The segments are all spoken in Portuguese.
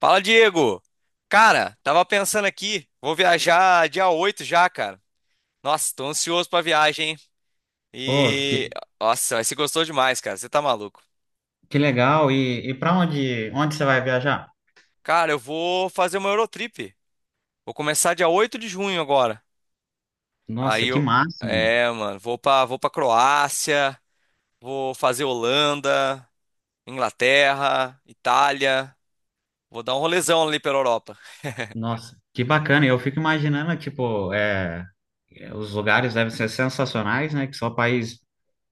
Fala, Diego! Cara, tava pensando aqui, vou viajar dia 8 já, cara. Nossa, tô ansioso pra viagem, hein? Oh, E. que, Nossa, mas você gostou demais, cara, você tá maluco. que legal. E para onde você vai viajar? Cara, eu vou fazer uma Eurotrip. Vou começar dia 8 de junho agora. Aí Nossa, que eu. máximo. É, mano, vou pra Croácia, vou fazer Holanda, Inglaterra, Itália. Vou dar um rolezão ali pela Europa. Nossa, que bacana. Eu fico imaginando, tipo, os lugares devem ser sensacionais, né? Que só país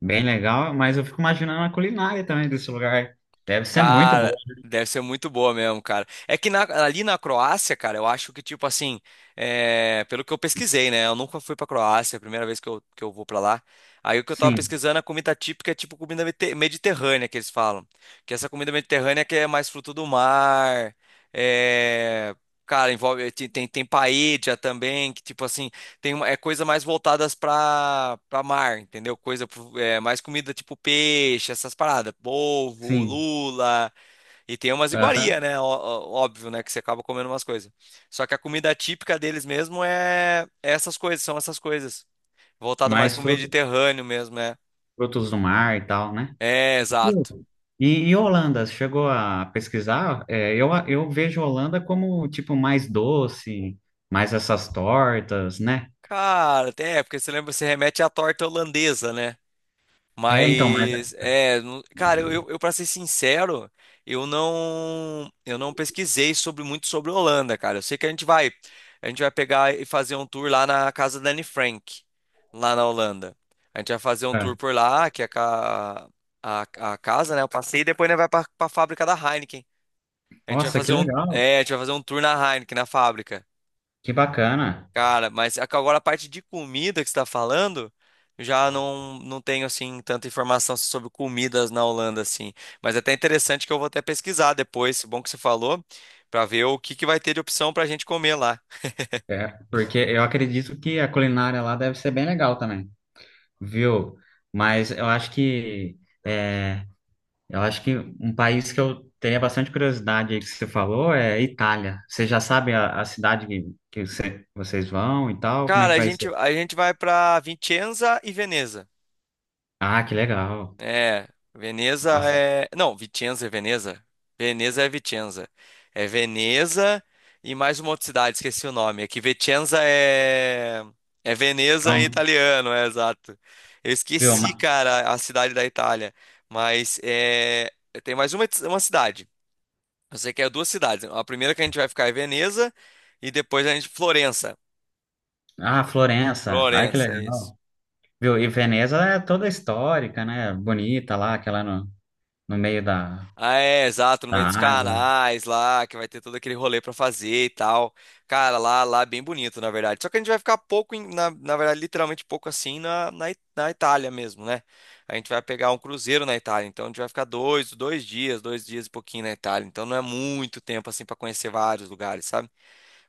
bem legal, mas eu fico imaginando a culinária também desse lugar. Deve ser muito Cara, boa. deve ser muito boa mesmo, cara. É que ali na Croácia, cara, eu acho que, tipo assim, é, pelo que eu pesquisei, né? Eu nunca fui pra Croácia, é a primeira vez que eu vou pra lá. Aí o que eu tava Sim, pesquisando, a comida típica é tipo comida mediterrânea, que eles falam. Que essa comida mediterrânea que é mais fruto do mar, é... Cara, envolve, tem paella também, que tipo assim, tem uma, é coisa mais voltadas para mar, entendeu? É, mais comida tipo peixe, essas paradas, polvo, sim. lula e tem umas Aham. iguaria, né? Óbvio, né? Que você acaba comendo umas coisas. Só que a comida típica deles mesmo é essas coisas, são essas coisas voltada mais Mais pro Mediterrâneo mesmo, né? frutos do mar e tal, né? É, exato. Sim. E Holanda, você chegou a pesquisar? Eu vejo Holanda como, tipo, mais doce, mais essas tortas, né? Cara, é porque você lembra, você remete à torta holandesa, né? É, então, mas Mas, é, não- cara, eu, pra ser sincero, eu não pesquisei sobre muito sobre Holanda, cara. Eu sei que a gente vai pegar e fazer um tour lá na casa da Anne Frank, lá na Holanda. A gente vai fazer um tour é. por lá, que é a, ca- a, a casa, né? Eu passei e depois a gente vai pra fábrica da Heineken. A gente vai Nossa, que fazer um, legal, é, a gente vai fazer um tour na Heineken, na fábrica. que bacana. Cara, mas agora a parte de comida que você está falando, eu já não tenho assim tanta informação sobre comidas na Holanda assim. Mas é até interessante que eu vou até pesquisar depois, bom que você falou, para ver o que que vai ter de opção para a gente comer lá. É, porque eu acredito que a culinária lá deve ser bem legal também, viu? Mas eu acho que... é, eu acho que um país que eu teria bastante curiosidade aí que você falou é Itália. Você já sabe a cidade que vocês vão e tal? Como é Cara, que a vai ser? gente a gente vai para Vicenza e Veneza. Ah, que legal. É, Veneza Nossa, é. Não, Vicenza é Veneza. Veneza é Vicenza. É Veneza e mais uma outra cidade, esqueci o nome. É que Vicenza é. É Veneza em então, italiano, é exato. Eu viu? esqueci, cara, a cidade da Itália. Mas é. Tem mais uma cidade. Eu sei que é duas cidades. A primeira que a gente vai ficar é Veneza e depois a gente. Florença. Ah, Florença. Ai, que Florença, é isso. legal. Viu? E Veneza é toda histórica, né? Bonita lá, aquela no meio da, Ah, é, exato, no da meio dos água. canais lá, que vai ter todo aquele rolê pra fazer e tal. Cara, lá, lá é bem bonito, na verdade. Só que a gente vai ficar pouco, na verdade, literalmente pouco assim na Itália mesmo, né? A gente vai pegar um cruzeiro na Itália, então a gente vai ficar dois dias e pouquinho na Itália. Então não é muito tempo assim pra conhecer vários lugares, sabe?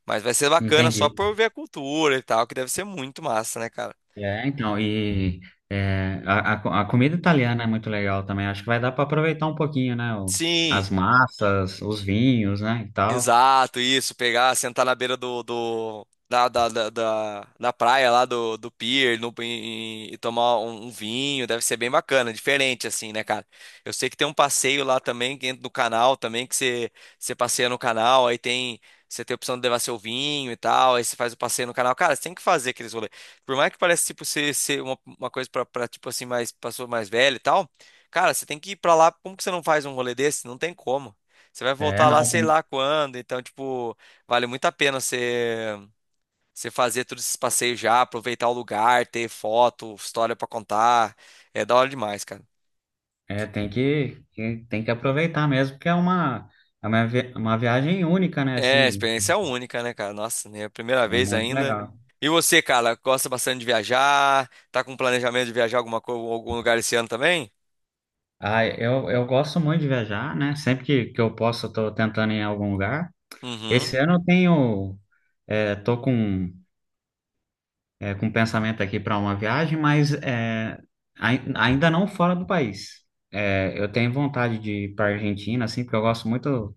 Mas vai ser bacana Entendi. só por ver a cultura e tal, que deve ser muito massa, né, cara? Então, a comida italiana é muito legal também. Acho que vai dar para aproveitar um pouquinho, né? Sim. As massas, os vinhos, né? E tal. Exato, isso, pegar, sentar na beira do, do da, da, da, da- da praia lá do pier no, em- em- e tomar um vinho, deve ser bem bacana, diferente assim, né, cara? Eu sei que tem um passeio lá também, que entra no canal também, que você passeia no canal, aí tem, você tem a opção de levar seu vinho e tal, aí você faz o passeio no canal. Cara, você tem que fazer aqueles rolês. Por mais que pareça, tipo, ser uma coisa pra tipo assim, mais, pessoa mais velha e tal, cara, você tem que ir pra lá, como que você não faz um rolê desse? Não tem como. Você vai É, voltar lá não, sei tem, lá quando, então, tipo, vale muito a pena você fazer todos esses passeios já, aproveitar o lugar, ter foto, história pra contar. É da hora demais, cara. é, tem que- tem que aproveitar mesmo, porque é uma viagem única, né? É, Assim, experiência é única, né, cara? Nossa, né? Primeira é vez muito ainda. legal. E você, cara, gosta bastante de viajar? Tá com planejamento de viajar alguma coisa, algum lugar esse ano também? Ah, eu gosto muito de viajar, né? Sempre que eu posso, eu tô tentando ir em algum lugar. Uhum. Esse ano tô com um pensamento aqui para uma viagem, mas ainda não fora do país. Eu tenho vontade de ir para Argentina, assim, porque eu gosto muito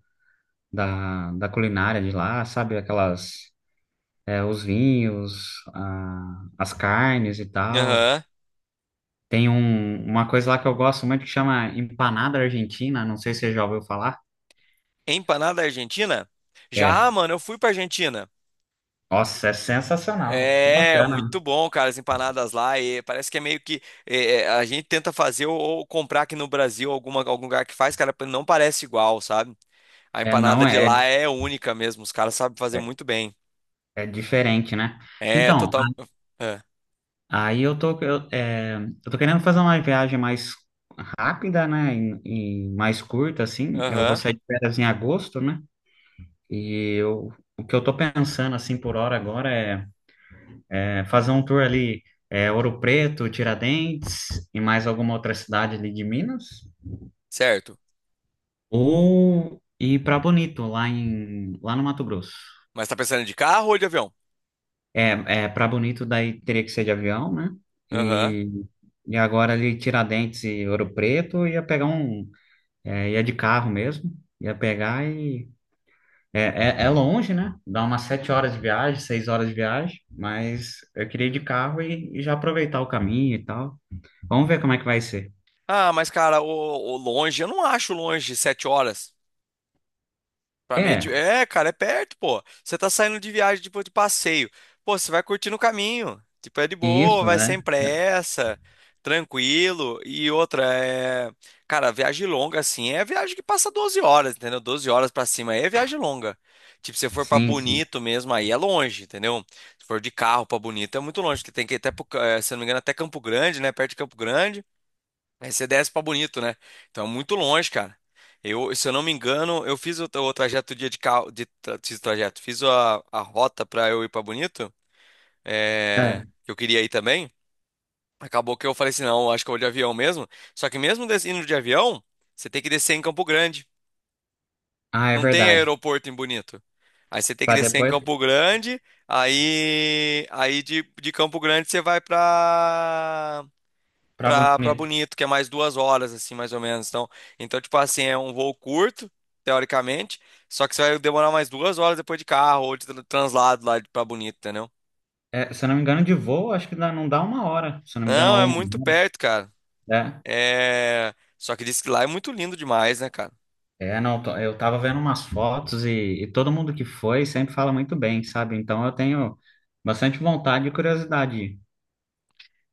da culinária de lá, sabe? Aquelas, os vinhos, as carnes e tal. Aham. Tem uma coisa lá que eu gosto muito que chama empanada argentina, não sei se você já ouviu falar. Empanada Argentina? Já, É. mano, eu fui pra Argentina. Nossa, é sensacional, que É, bacana. muito bom, cara, as empanadas lá. E parece que é meio que a gente tenta fazer ou comprar aqui no Brasil alguma, algum lugar que faz, cara, não parece igual, sabe? A É, não empanada de é, lá é única mesmo, os caras sabem fazer é, muito bem. é diferente, né? É, Então, total. é, aí eu tô querendo fazer uma viagem mais rápida, né? E mais curta, assim. Eu vou Aham, sair de férias em agosto, né? E eu, o que eu tô pensando, assim, por hora agora é fazer um tour ali, Ouro Preto, Tiradentes e mais alguma outra cidade ali de Minas. certo. Ou ir pra Bonito, lá no Mato Grosso. Mas tá pensando de carro ou de avião? É, para Bonito daí teria que ser de avião, né? Aham. E, e agora ali Tiradentes e Ouro Preto ia de carro mesmo, ia pegar e é, é, é longe, né? Dá umas 7 horas de viagem, 6 horas de viagem, mas eu queria ir de carro e já aproveitar o caminho e tal. Vamos ver como é que vai ser. Ah, mas, cara, o longe, eu não acho longe 7 horas. Pra mim, é, É, é, cara, é perto, pô. Você tá saindo de viagem, tipo, de passeio. Pô, você vai curtindo o caminho. Tipo, é de e boa, isso, vai sem né? pressa, tranquilo. E outra, é... Cara, viagem longa, assim, é viagem que passa 12 horas, entendeu? 12 horas pra cima aí é viagem longa. Tipo, se for pra Sim, sim. Bonito mesmo, aí é longe, entendeu? Se for de carro pra Bonito, é muito longe, que tem que ir até, se eu não me engano, até Campo Grande, né? Perto de Campo Grande. Aí você desce pra Bonito, né? Então é muito longe, cara. Eu, se eu não me engano, eu fiz o trajeto dia de carro, fiz o trajeto, fiz a rota pra eu ir pra Bonito, é, É. que eu queria ir também. Acabou que eu falei assim, não, acho que eu vou de avião mesmo. Só que mesmo indo de avião, você tem que descer em Campo Grande. Ah, é Não tem verdade. aeroporto em Bonito. Aí você tem que Para descer em depois, Campo Grande, de Campo Grande você vai pra para pra, pra Bonito. Bonito, que é mais 2 horas, assim, mais ou menos. Então, tipo assim, é um voo curto, teoricamente, só que você vai demorar mais 2 horas depois de carro ou de translado lá pra Bonito, entendeu? É, se eu não me engano, de voo, acho que não dá 1 hora, se eu não me engano, Não, ou é muito 1 hora. perto, cara. É. É... Só que diz que lá é muito lindo demais, né, cara? É, não, eu tava vendo umas fotos e todo mundo que foi sempre fala muito bem, sabe? Então eu tenho bastante vontade e curiosidade.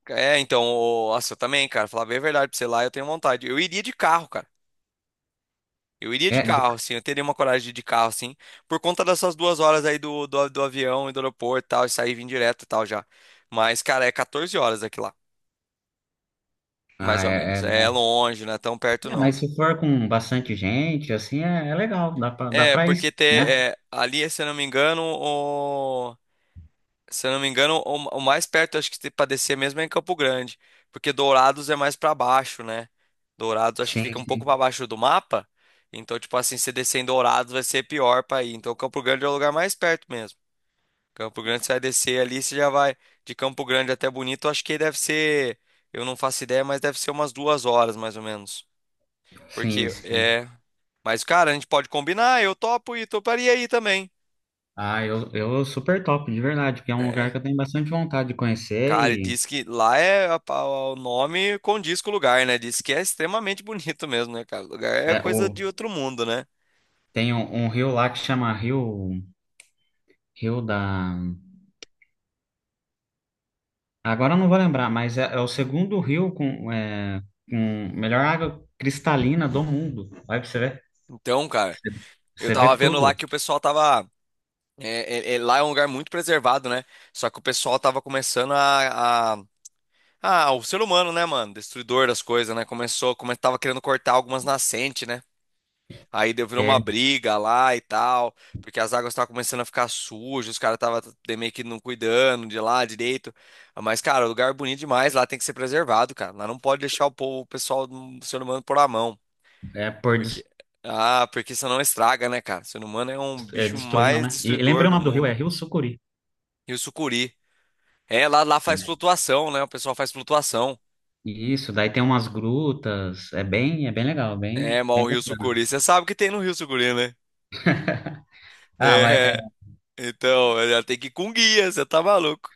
É, então, ô, nossa, eu também, cara, falar bem a verdade pra você lá, eu tenho vontade. Eu iria de carro, cara. Eu iria de É, de- carro, assim, eu teria uma coragem de ir de carro, assim, por conta dessas 2 horas aí do avião e do aeroporto e tal, e sair e vir direto e tal já. Mas, cara, é 14 horas aqui lá. Mais ah, ou é, menos. é- É longe, não é tão perto não. mas se for com bastante gente, assim, é legal, dá pra, dá É, pra ir, porque ter, né? é, ali, se eu não me engano, o, se eu não me engano, o mais perto acho que tem pra descer mesmo é em Campo Grande, porque Dourados é mais pra baixo, né? Dourados acho que Sim, fica um pouco pra sim, baixo do mapa, então tipo assim, se descer em Dourados vai ser pior pra ir. Então Campo Grande é o lugar mais perto mesmo. Campo Grande você vai descer ali, você já vai de Campo Grande até Bonito, acho que deve ser, eu não faço ideia, mas deve ser umas 2 horas mais ou menos. sim, Porque sim. é. Mas, cara, a gente pode combinar, eu topo e toparia aí também. Ah, eu super top, de verdade, porque é um lugar É. que eu tenho bastante vontade de conhecer Cara, e e diz que lá é o nome condiz com o lugar, né? Diz que é extremamente bonito mesmo, né, cara? O lugar é é, coisa o, de outro mundo, né? tem um rio lá que chama Rio da. Agora eu não vou lembrar, mas é o segundo rio com melhor água cristalina do mundo. Olha pra você ver. Então, cara, Você, eu você vê tava vendo lá tudo. que o pessoal tava. Lá é um lugar muito preservado, né? Só que o pessoal tava começando Ah, o ser humano, né, mano? Destruidor das coisas, né? Começou, tava querendo cortar algumas nascentes, né? Aí deu virou uma É, briga lá e tal, porque as águas estavam começando a ficar sujas, os caras estavam meio que não cuidando de lá direito. Mas, cara, o lugar é bonito demais, lá tem que ser preservado, cara. Lá não pode deixar o povo, o pessoal do ser humano por a mão. é por des- Porque, ah, porque senão estraga, né, cara? O ser humano é um é, bicho destruir, não, mais né? E, destruidor lembrei o do nome do rio, é mundo. Rio Sucuri. Rio sucuri. É, lá, lá faz É, flutuação, né? O pessoal faz flutuação. e isso, daí tem umas grutas. É bem legal, bem, É, mas o bem rio bacana. sucuri, você sabe o que tem no rio sucuri, né? Ah, mas É, então, já tem que ir com guia, você tá maluco.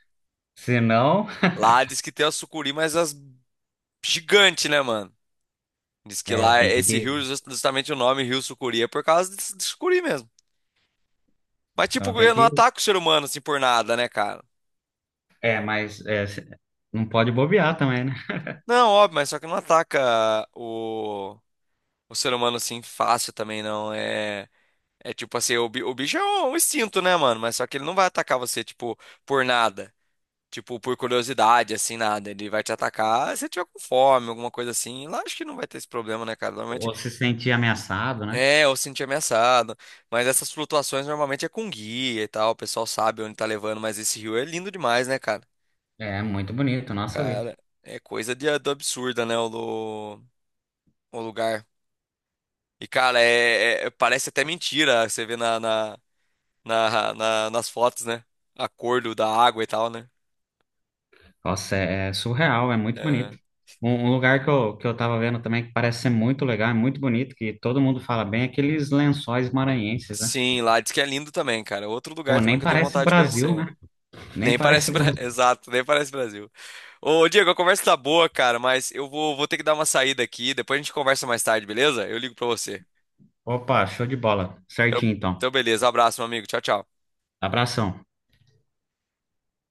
se não, Lá diz que tem as sucuri, mas as gigantes, né, mano? Diz que lá tem esse que. rio, justamente o nome Rio Sucuri, é por causa de, sucuri mesmo. Mas, Então tipo, tem eu não que. ataco o ser humano assim por nada, né, cara? É, mas não pode bobear também, né? Não, óbvio, mas só que não ataca o ser humano assim fácil também, não. É, é tipo assim, o bicho é um instinto, né, mano? Mas só que ele não vai atacar você, tipo, por nada. Tipo, por curiosidade, assim, nada. Ele vai te atacar se você tiver com fome, alguma coisa assim. Lá acho que não vai ter esse problema, né, cara? Normalmente Ou se sentir ameaçado, né? É, eu sentir ameaçado. Mas essas flutuações normalmente é com guia e tal. O pessoal sabe onde tá levando, mas esse rio é lindo demais, né, cara? É muito bonito, nossa vida. Cara, é coisa do absurda, né, o lugar. E, cara, é, é, parece até mentira. Você vê na, na, nas fotos, né? A cor da água e tal, né? Nossa, é surreal, é muito Aham. bonito. Um lugar que eu tava vendo também que parece ser muito legal, é muito bonito, que todo mundo fala bem, é aqueles Lençóis Maranhenses, né? Sim, lá diz que é lindo também, cara. Outro Pô, lugar também nem que eu tenho parece vontade de Brasil, conhecer. né? Nem Nem parece... parece Brasil. Exato, nem parece Brasil. Ô, Diego, a conversa tá boa, cara, mas eu vou ter que dar uma saída aqui. Depois a gente conversa mais tarde, beleza? Eu ligo pra você. Opa, show de bola. Então, Certinho, então. então beleza. Abraço, meu amigo. Tchau, tchau. Abração.